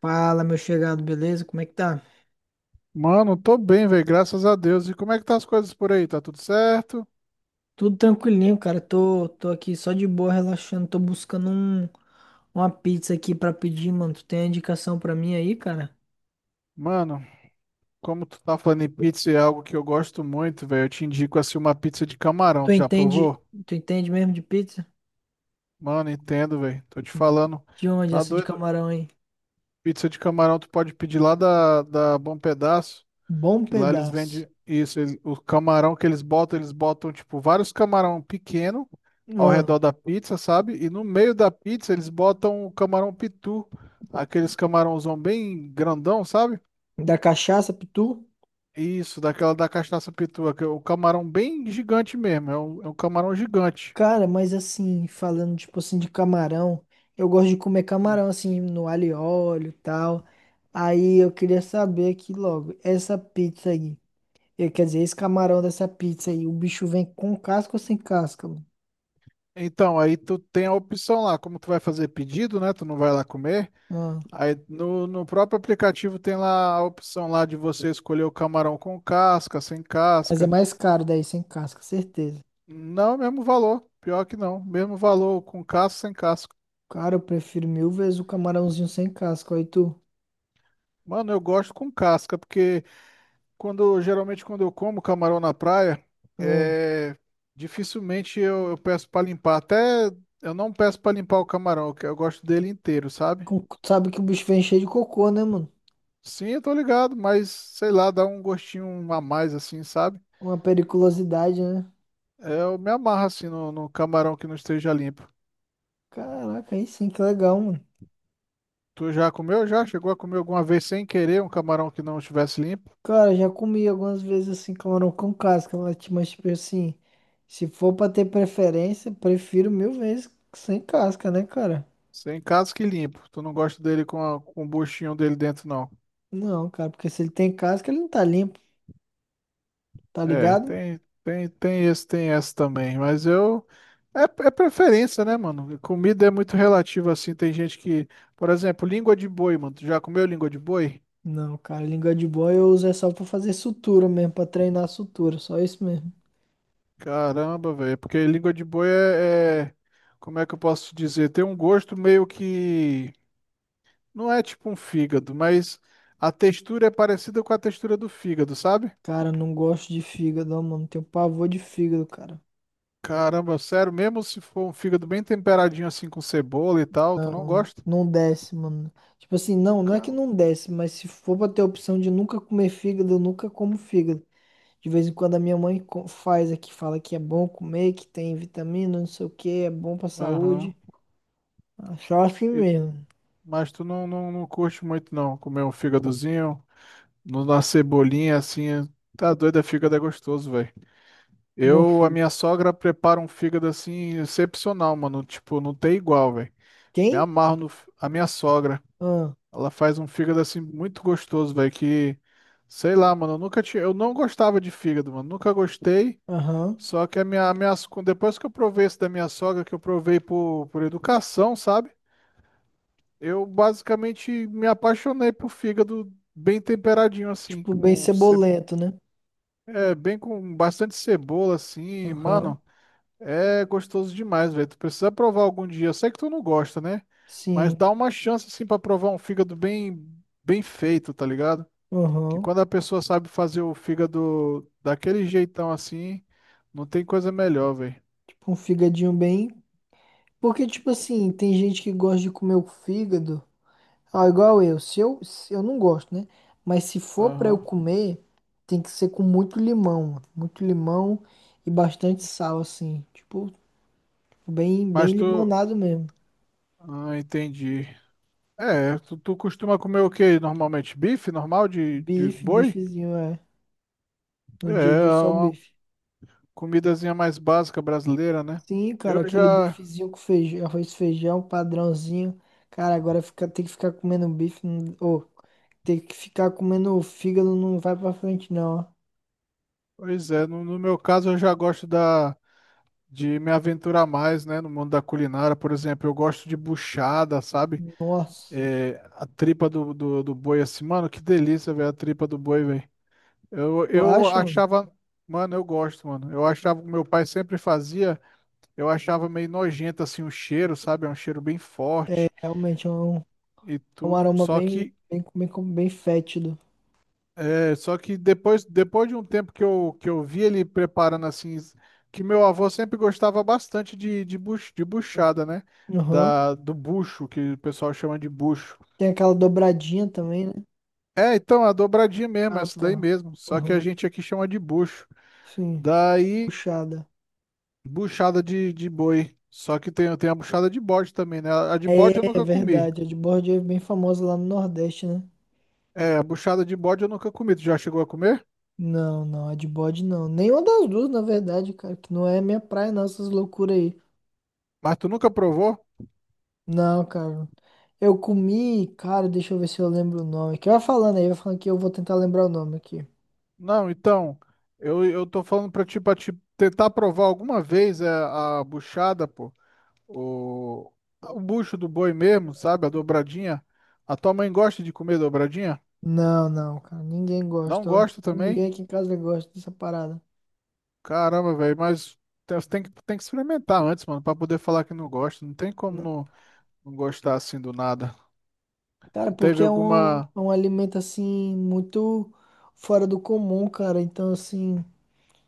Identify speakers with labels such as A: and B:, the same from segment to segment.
A: Fala, meu chegado, beleza? Como é que tá?
B: Mano, tô bem, velho, graças a Deus. E como é que tá as coisas por aí? Tá tudo certo?
A: Tudo tranquilinho, cara. Tô aqui só de boa, relaxando. Tô buscando uma pizza aqui pra pedir, mano. Tu tem a indicação pra mim aí, cara?
B: Mano, como tu tá falando em pizza, é algo que eu gosto muito, velho. Eu te indico assim uma pizza de camarão.
A: Tu
B: Tu já
A: entende,
B: provou?
A: tu entende mesmo de pizza?
B: Mano, entendo, velho. Tô te falando.
A: De onde
B: Tá
A: essa de
B: doido?
A: camarão aí?
B: Pizza de camarão tu pode pedir lá da Bom Pedaço.
A: Bom
B: Que lá eles vendem
A: pedaço.
B: isso, o camarão que eles botam tipo vários camarão pequeno ao
A: Ah,
B: redor da pizza, sabe? E no meio da pizza eles botam o camarão pitu, aqueles camarãozão bem grandão, sabe?
A: da cachaça, pitu?
B: Isso, daquela da cachaça pitu, o camarão bem gigante mesmo, é um camarão gigante.
A: Cara, mas assim, falando tipo assim de camarão, eu gosto de comer
B: Hum.
A: camarão assim no alho e óleo e tal. Aí eu queria saber aqui logo, essa pizza aí. E, quer dizer, esse camarão dessa pizza aí, o bicho vem com casca ou sem casca, mano?
B: Então, aí tu tem a opção lá, como tu vai fazer pedido, né? Tu não vai lá comer.
A: Ah,
B: Aí no próprio aplicativo tem lá a opção lá de você escolher o camarão com casca, sem
A: mas é
B: casca.
A: mais caro daí, sem casca, certeza.
B: Não, mesmo valor. Pior que não. Mesmo valor com casca, sem casca.
A: Cara, eu prefiro mil vezes o camarãozinho sem casca, aí tu.
B: Mano, eu gosto com casca, porque quando geralmente quando eu como camarão na praia,
A: Ah,
B: é, dificilmente eu peço pra limpar. Até eu não peço pra limpar o camarão, que eu gosto dele inteiro, sabe?
A: sabe que o bicho vem cheio de cocô, né, mano?
B: Sim, eu tô ligado, mas sei lá, dá um gostinho a mais assim, sabe?
A: Uma periculosidade, né?
B: É, eu me amarro assim no camarão que não esteja limpo.
A: Caraca, aí sim, que legal, mano.
B: Tu já comeu? Já? Chegou a comer alguma vez sem querer um camarão que não estivesse limpo?
A: Cara, já comi algumas vezes assim, camarão com casca, tipo assim, se for pra ter preferência, prefiro mil vezes sem casca, né, cara?
B: Sem casca que limpo. Tu não gosta dele com o buchinho dele dentro, não.
A: Não, cara, porque se ele tem casca, ele não tá limpo, tá
B: É,
A: ligado?
B: tem esse, tem esse também. Mas eu. É preferência, né, mano? Comida é muito relativa assim. Tem gente que. Por exemplo, língua de boi, mano. Tu já comeu língua de boi?
A: Não, cara, língua de boi eu uso é só pra fazer sutura mesmo, pra treinar sutura, só isso mesmo.
B: Caramba, velho. Porque língua de boi é. Como é que eu posso dizer? Tem um gosto meio que. Não é tipo um fígado, mas a textura é parecida com a textura do fígado, sabe?
A: Cara, não gosto de fígado, ó, mano, tenho pavor de fígado, cara.
B: Caramba, sério, mesmo se for um fígado bem temperadinho assim com cebola e tal, tu não
A: Não,
B: gosta?
A: não desce, mano. Tipo assim, não é que
B: Ca-
A: não desce, mas se for pra ter a opção de nunca comer fígado, eu nunca como fígado. De vez em quando a minha mãe faz aqui, fala que é bom comer, que tem vitamina, não sei o que, é bom pra
B: Aham.
A: saúde. Ah, só assim
B: E-
A: mesmo,
B: Mas tu não curte muito não, comer um fígadozinho, na cebolinha assim, tá doido, é fígado é gostoso, velho.
A: não
B: A
A: fica.
B: minha sogra prepara um fígado assim, excepcional, mano, tipo, não tem igual, velho. Me
A: Quem?
B: amarro no, f- a minha sogra,
A: Ah.
B: ela faz um fígado assim muito gostoso, velho, que, sei lá, mano, eu nunca tinha, eu não gostava de fígado, mano, nunca gostei.
A: Aham.
B: Só que depois que eu provei esse da minha sogra, que eu provei por educação, sabe? Eu basicamente me apaixonei por fígado bem temperadinho, assim,
A: Tipo, bem
B: com ce-
A: cebolento, né?
B: é, bem com bastante cebola, assim,
A: Aham.
B: mano. É gostoso demais, velho. Tu precisa provar algum dia. Eu sei que tu não gosta, né? Mas
A: Sim.
B: dá uma chance, assim, pra provar um fígado bem feito, tá ligado? Que
A: Aham.
B: quando a pessoa sabe fazer o fígado daquele jeitão assim, não tem coisa melhor, velho.
A: Tipo um fígadinho bem. Porque, tipo assim, tem gente que gosta de comer o fígado. Ah, igual eu. Se eu, eu não gosto, né? Mas se for pra eu
B: Aham.
A: comer, tem que ser com muito limão. Mano. Muito limão e bastante sal, assim. Tipo, bem
B: Mas tu.
A: limonado mesmo.
B: Ah, entendi. É, tu costuma comer o que normalmente? Bife normal de
A: Bife,
B: boi?
A: bifezinho, é.
B: É,
A: No dia a
B: é
A: dia só o
B: uma
A: bife.
B: comidazinha mais básica brasileira, né?
A: Sim,
B: Eu
A: cara, aquele
B: já,
A: bifezinho com feijão, arroz, e feijão, padrãozinho. Cara, agora fica, tem que ficar comendo bife. Ô. Ter que ficar comendo fígado não vai pra frente, não, ó.
B: pois é, no meu caso eu já gosto de me aventurar mais, né, no mundo da culinária, por exemplo, eu gosto de buchada, sabe?
A: Nossa.
B: É, a tripa do boi assim, mano, que delícia, velho, a tripa do boi, velho. Eu,
A: Tu
B: eu
A: acha, mano?
B: achava, mano, eu gosto, mano. Eu achava que meu pai sempre fazia. Eu achava meio nojento assim o cheiro, sabe? É um cheiro bem forte
A: Realmente é
B: e
A: um
B: tudo.
A: aroma
B: Só que
A: bem fétido.
B: é, só que depois de um tempo que eu vi ele preparando assim, que meu avô sempre gostava bastante de buchada, né?
A: Aham.
B: Do bucho, que o pessoal chama de bucho.
A: Tem aquela dobradinha também, né?
B: É, então, a dobradinha mesmo,
A: Ah,
B: essa daí
A: tá.
B: mesmo. Só que a
A: Aham.
B: gente aqui chama de bucho.
A: Sim.
B: Daí,
A: Puxada.
B: buchada de boi. Só que tem a buchada de bode também, né? A de bode eu
A: É
B: nunca comi.
A: verdade. A de bode é bem famosa lá no Nordeste, né?
B: É, a buchada de bode eu nunca comi. Tu já chegou a comer?
A: Não, não. A de bode não. Nenhuma das duas, na verdade, cara. Que não é minha praia, não, essas loucuras aí.
B: Mas tu nunca provou?
A: Não, cara. Eu comi, cara, deixa eu ver se eu lembro o nome aqui. Vai falando aí, vai falando que eu vou tentar lembrar o nome aqui.
B: Não, então, eu tô falando pra ti, pra te tentar provar alguma vez a buchada, pô. O, o bucho do boi mesmo, sabe? A dobradinha. A tua mãe gosta de comer dobradinha?
A: Não, não, cara. Ninguém
B: Não
A: gosta, ó.
B: gosta também?
A: Ninguém aqui em casa gosta dessa parada.
B: Caramba, velho, mas você tem que experimentar antes, mano, pra poder falar que não gosta. Não tem como
A: Não.
B: não gostar assim do nada.
A: Cara,
B: Tu
A: porque
B: teve alguma.
A: é um alimento, assim, muito fora do comum, cara. Então, assim,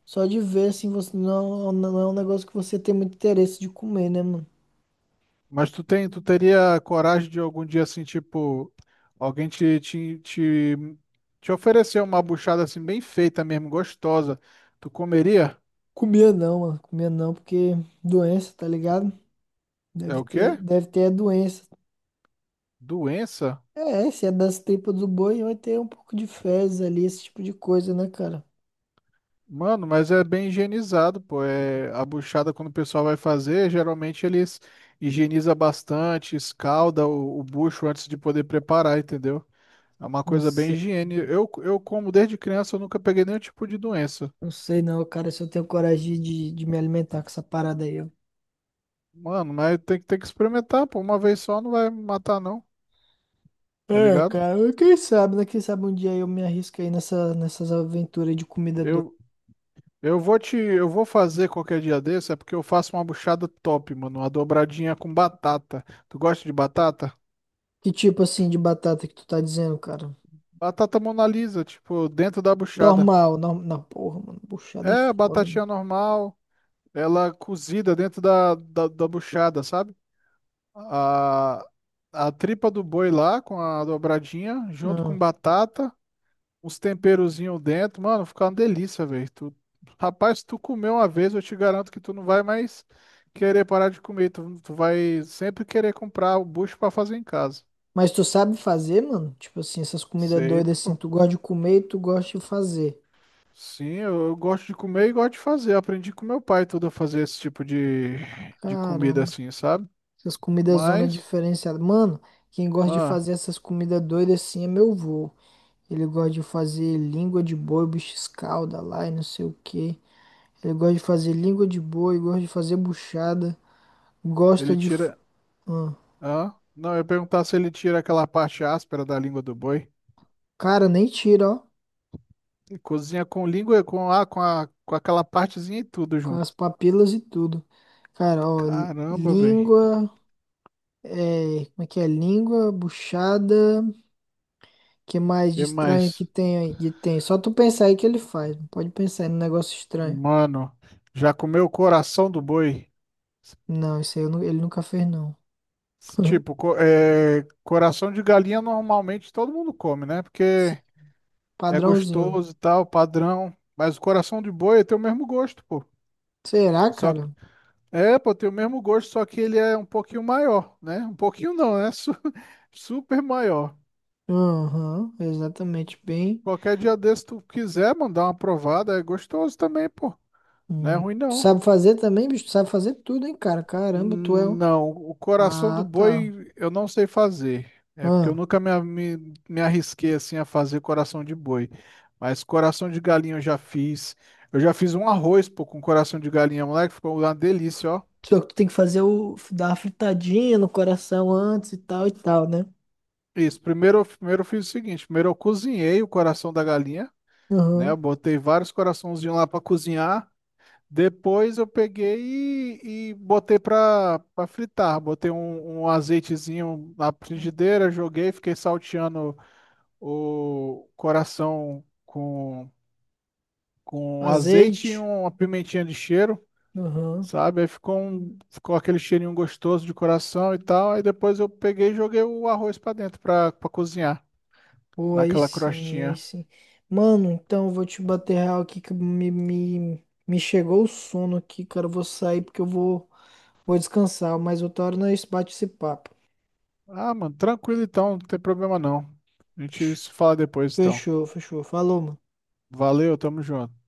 A: só de ver, assim, você não, não é um negócio que você tem muito interesse de comer, né, mano?
B: Mas tu teria coragem de algum dia assim, tipo, alguém te oferecer uma buchada assim bem feita mesmo, gostosa. Tu comeria?
A: Comia não, mano. Comia não, porque doença, tá ligado?
B: É o quê?
A: Deve ter a doença.
B: Doença?
A: É, se é das tripas do boi, vai ter um pouco de fezes ali, esse tipo de coisa, né, cara?
B: Mano, mas é bem higienizado, pô. É, a buchada, quando o pessoal vai fazer, geralmente eles higieniza bastante, escalda o bucho antes de poder preparar, entendeu? É uma
A: Não
B: coisa bem
A: sei.
B: higiene. Eu como desde criança, eu nunca peguei nenhum tipo de doença.
A: Não sei não, cara, se eu tenho coragem de me alimentar com essa parada aí, ó.
B: Mano, mas tem que experimentar, pô. Uma vez só não vai me matar, não, tá
A: É,
B: ligado?
A: cara, quem sabe, né? Quem sabe um dia eu me arrisco aí nessas aventuras de comida doida.
B: Eu, eu vou fazer qualquer dia desse, é porque eu faço uma buchada top, mano. Uma dobradinha com batata. Tu gosta de batata?
A: Que tipo assim de batata que tu tá dizendo, cara?
B: Batata Mona Lisa, tipo, dentro da buchada.
A: Normal, normal. Não, porra, mano, buchada é
B: É, a
A: foda, mano.
B: batatinha normal, ela cozida dentro da buchada, sabe? A, a tripa do boi lá com a dobradinha, junto com
A: Ah,
B: batata. Uns temperozinhos dentro, mano, fica uma delícia, velho. Tu. Rapaz, se tu comer uma vez, eu te garanto que tu não vai mais querer parar de comer. Tu vai sempre querer comprar o bucho pra fazer em casa.
A: mas tu sabe fazer, mano? Tipo assim, essas comidas
B: Sei,
A: doidas assim,
B: pô.
A: tu gosta de comer e tu gosta de fazer.
B: Sim, eu gosto de comer e gosto de fazer. Aprendi com meu pai tudo a fazer esse tipo de comida
A: Caramba.
B: assim, sabe?
A: Essas comidas zona
B: Mas,
A: diferenciada. Mano, quem gosta de
B: ah,
A: fazer essas comidas doidas assim é meu vô. Ele gosta de fazer língua de boi, bicho escalda lá e não sei o que. Ele gosta de fazer língua de boi, gosta de fazer buchada. Gosta
B: ele
A: de. f-
B: tira.
A: hum.
B: Ah, não, eu ia perguntar se ele tira aquela parte áspera da língua do boi.
A: Cara, nem tira, ó.
B: E cozinha com língua, com aquela partezinha e tudo.
A: Com as papilas e tudo. Cara, ó.
B: Caramba, velho.
A: Língua. É, como é que é? Língua, buchada. Que mais de
B: E mais?
A: estranho que tem aí? Que tem. Só tu pensar aí que ele faz. Não pode pensar aí no negócio estranho.
B: Mano, já comeu o coração do boi? S-
A: Não, isso aí ele nunca fez, não.
B: Tipo, coração de galinha normalmente todo mundo come, né?
A: Sim,
B: Porque é
A: padrãozinho.
B: gostoso e tal, padrão. Mas o coração de boi tem o mesmo gosto, pô.
A: Será,
B: Só que,
A: cara?
B: pô, tem o mesmo gosto, só que ele é um pouquinho maior, né? Um pouquinho não, é super maior.
A: Aham, exatamente. Bem.
B: Qualquer dia desse tu quiser mandar uma provada, é gostoso também, pô. Não é
A: Hum.
B: ruim
A: Tu
B: não.
A: sabe fazer também, bicho? Tu sabe fazer tudo, hein, cara? Caramba,
B: Não, o coração do
A: ah, tá.
B: boi eu não sei fazer. É porque eu
A: Ah.
B: nunca me arrisquei assim a fazer coração de boi. Mas coração de galinha eu já fiz. Eu já fiz um arroz, pô, com coração de galinha, moleque, ficou uma delícia, ó.
A: Só que tu tem que fazer o. dar uma fritadinha no coração antes e tal, né?
B: Isso, primeiro, primeiro eu fiz o seguinte, primeiro eu cozinhei o coração da galinha, né? Eu
A: Aham.
B: botei vários coraçãozinhos lá para cozinhar. Depois eu peguei e botei para fritar. Botei um azeitezinho na frigideira, joguei, fiquei salteando o coração com azeite e
A: Azeite.
B: uma pimentinha de cheiro,
A: Aham.
B: sabe? Aí ficou aquele cheirinho gostoso de coração e tal. Aí depois eu peguei e joguei o arroz pra dentro pra cozinhar,
A: Pô, aí
B: naquela
A: sim, aí
B: crostinha.
A: sim. Mano, então eu vou te bater real aqui que me chegou o sono aqui, cara. Eu vou sair porque eu vou. Vou descansar, mas eu torno a esse bate esse papo.
B: Ah, mano, tranquilo então, não tem problema não. A gente se fala depois então.
A: Fechou, fechou. Falou, mano.
B: Valeu, tamo junto.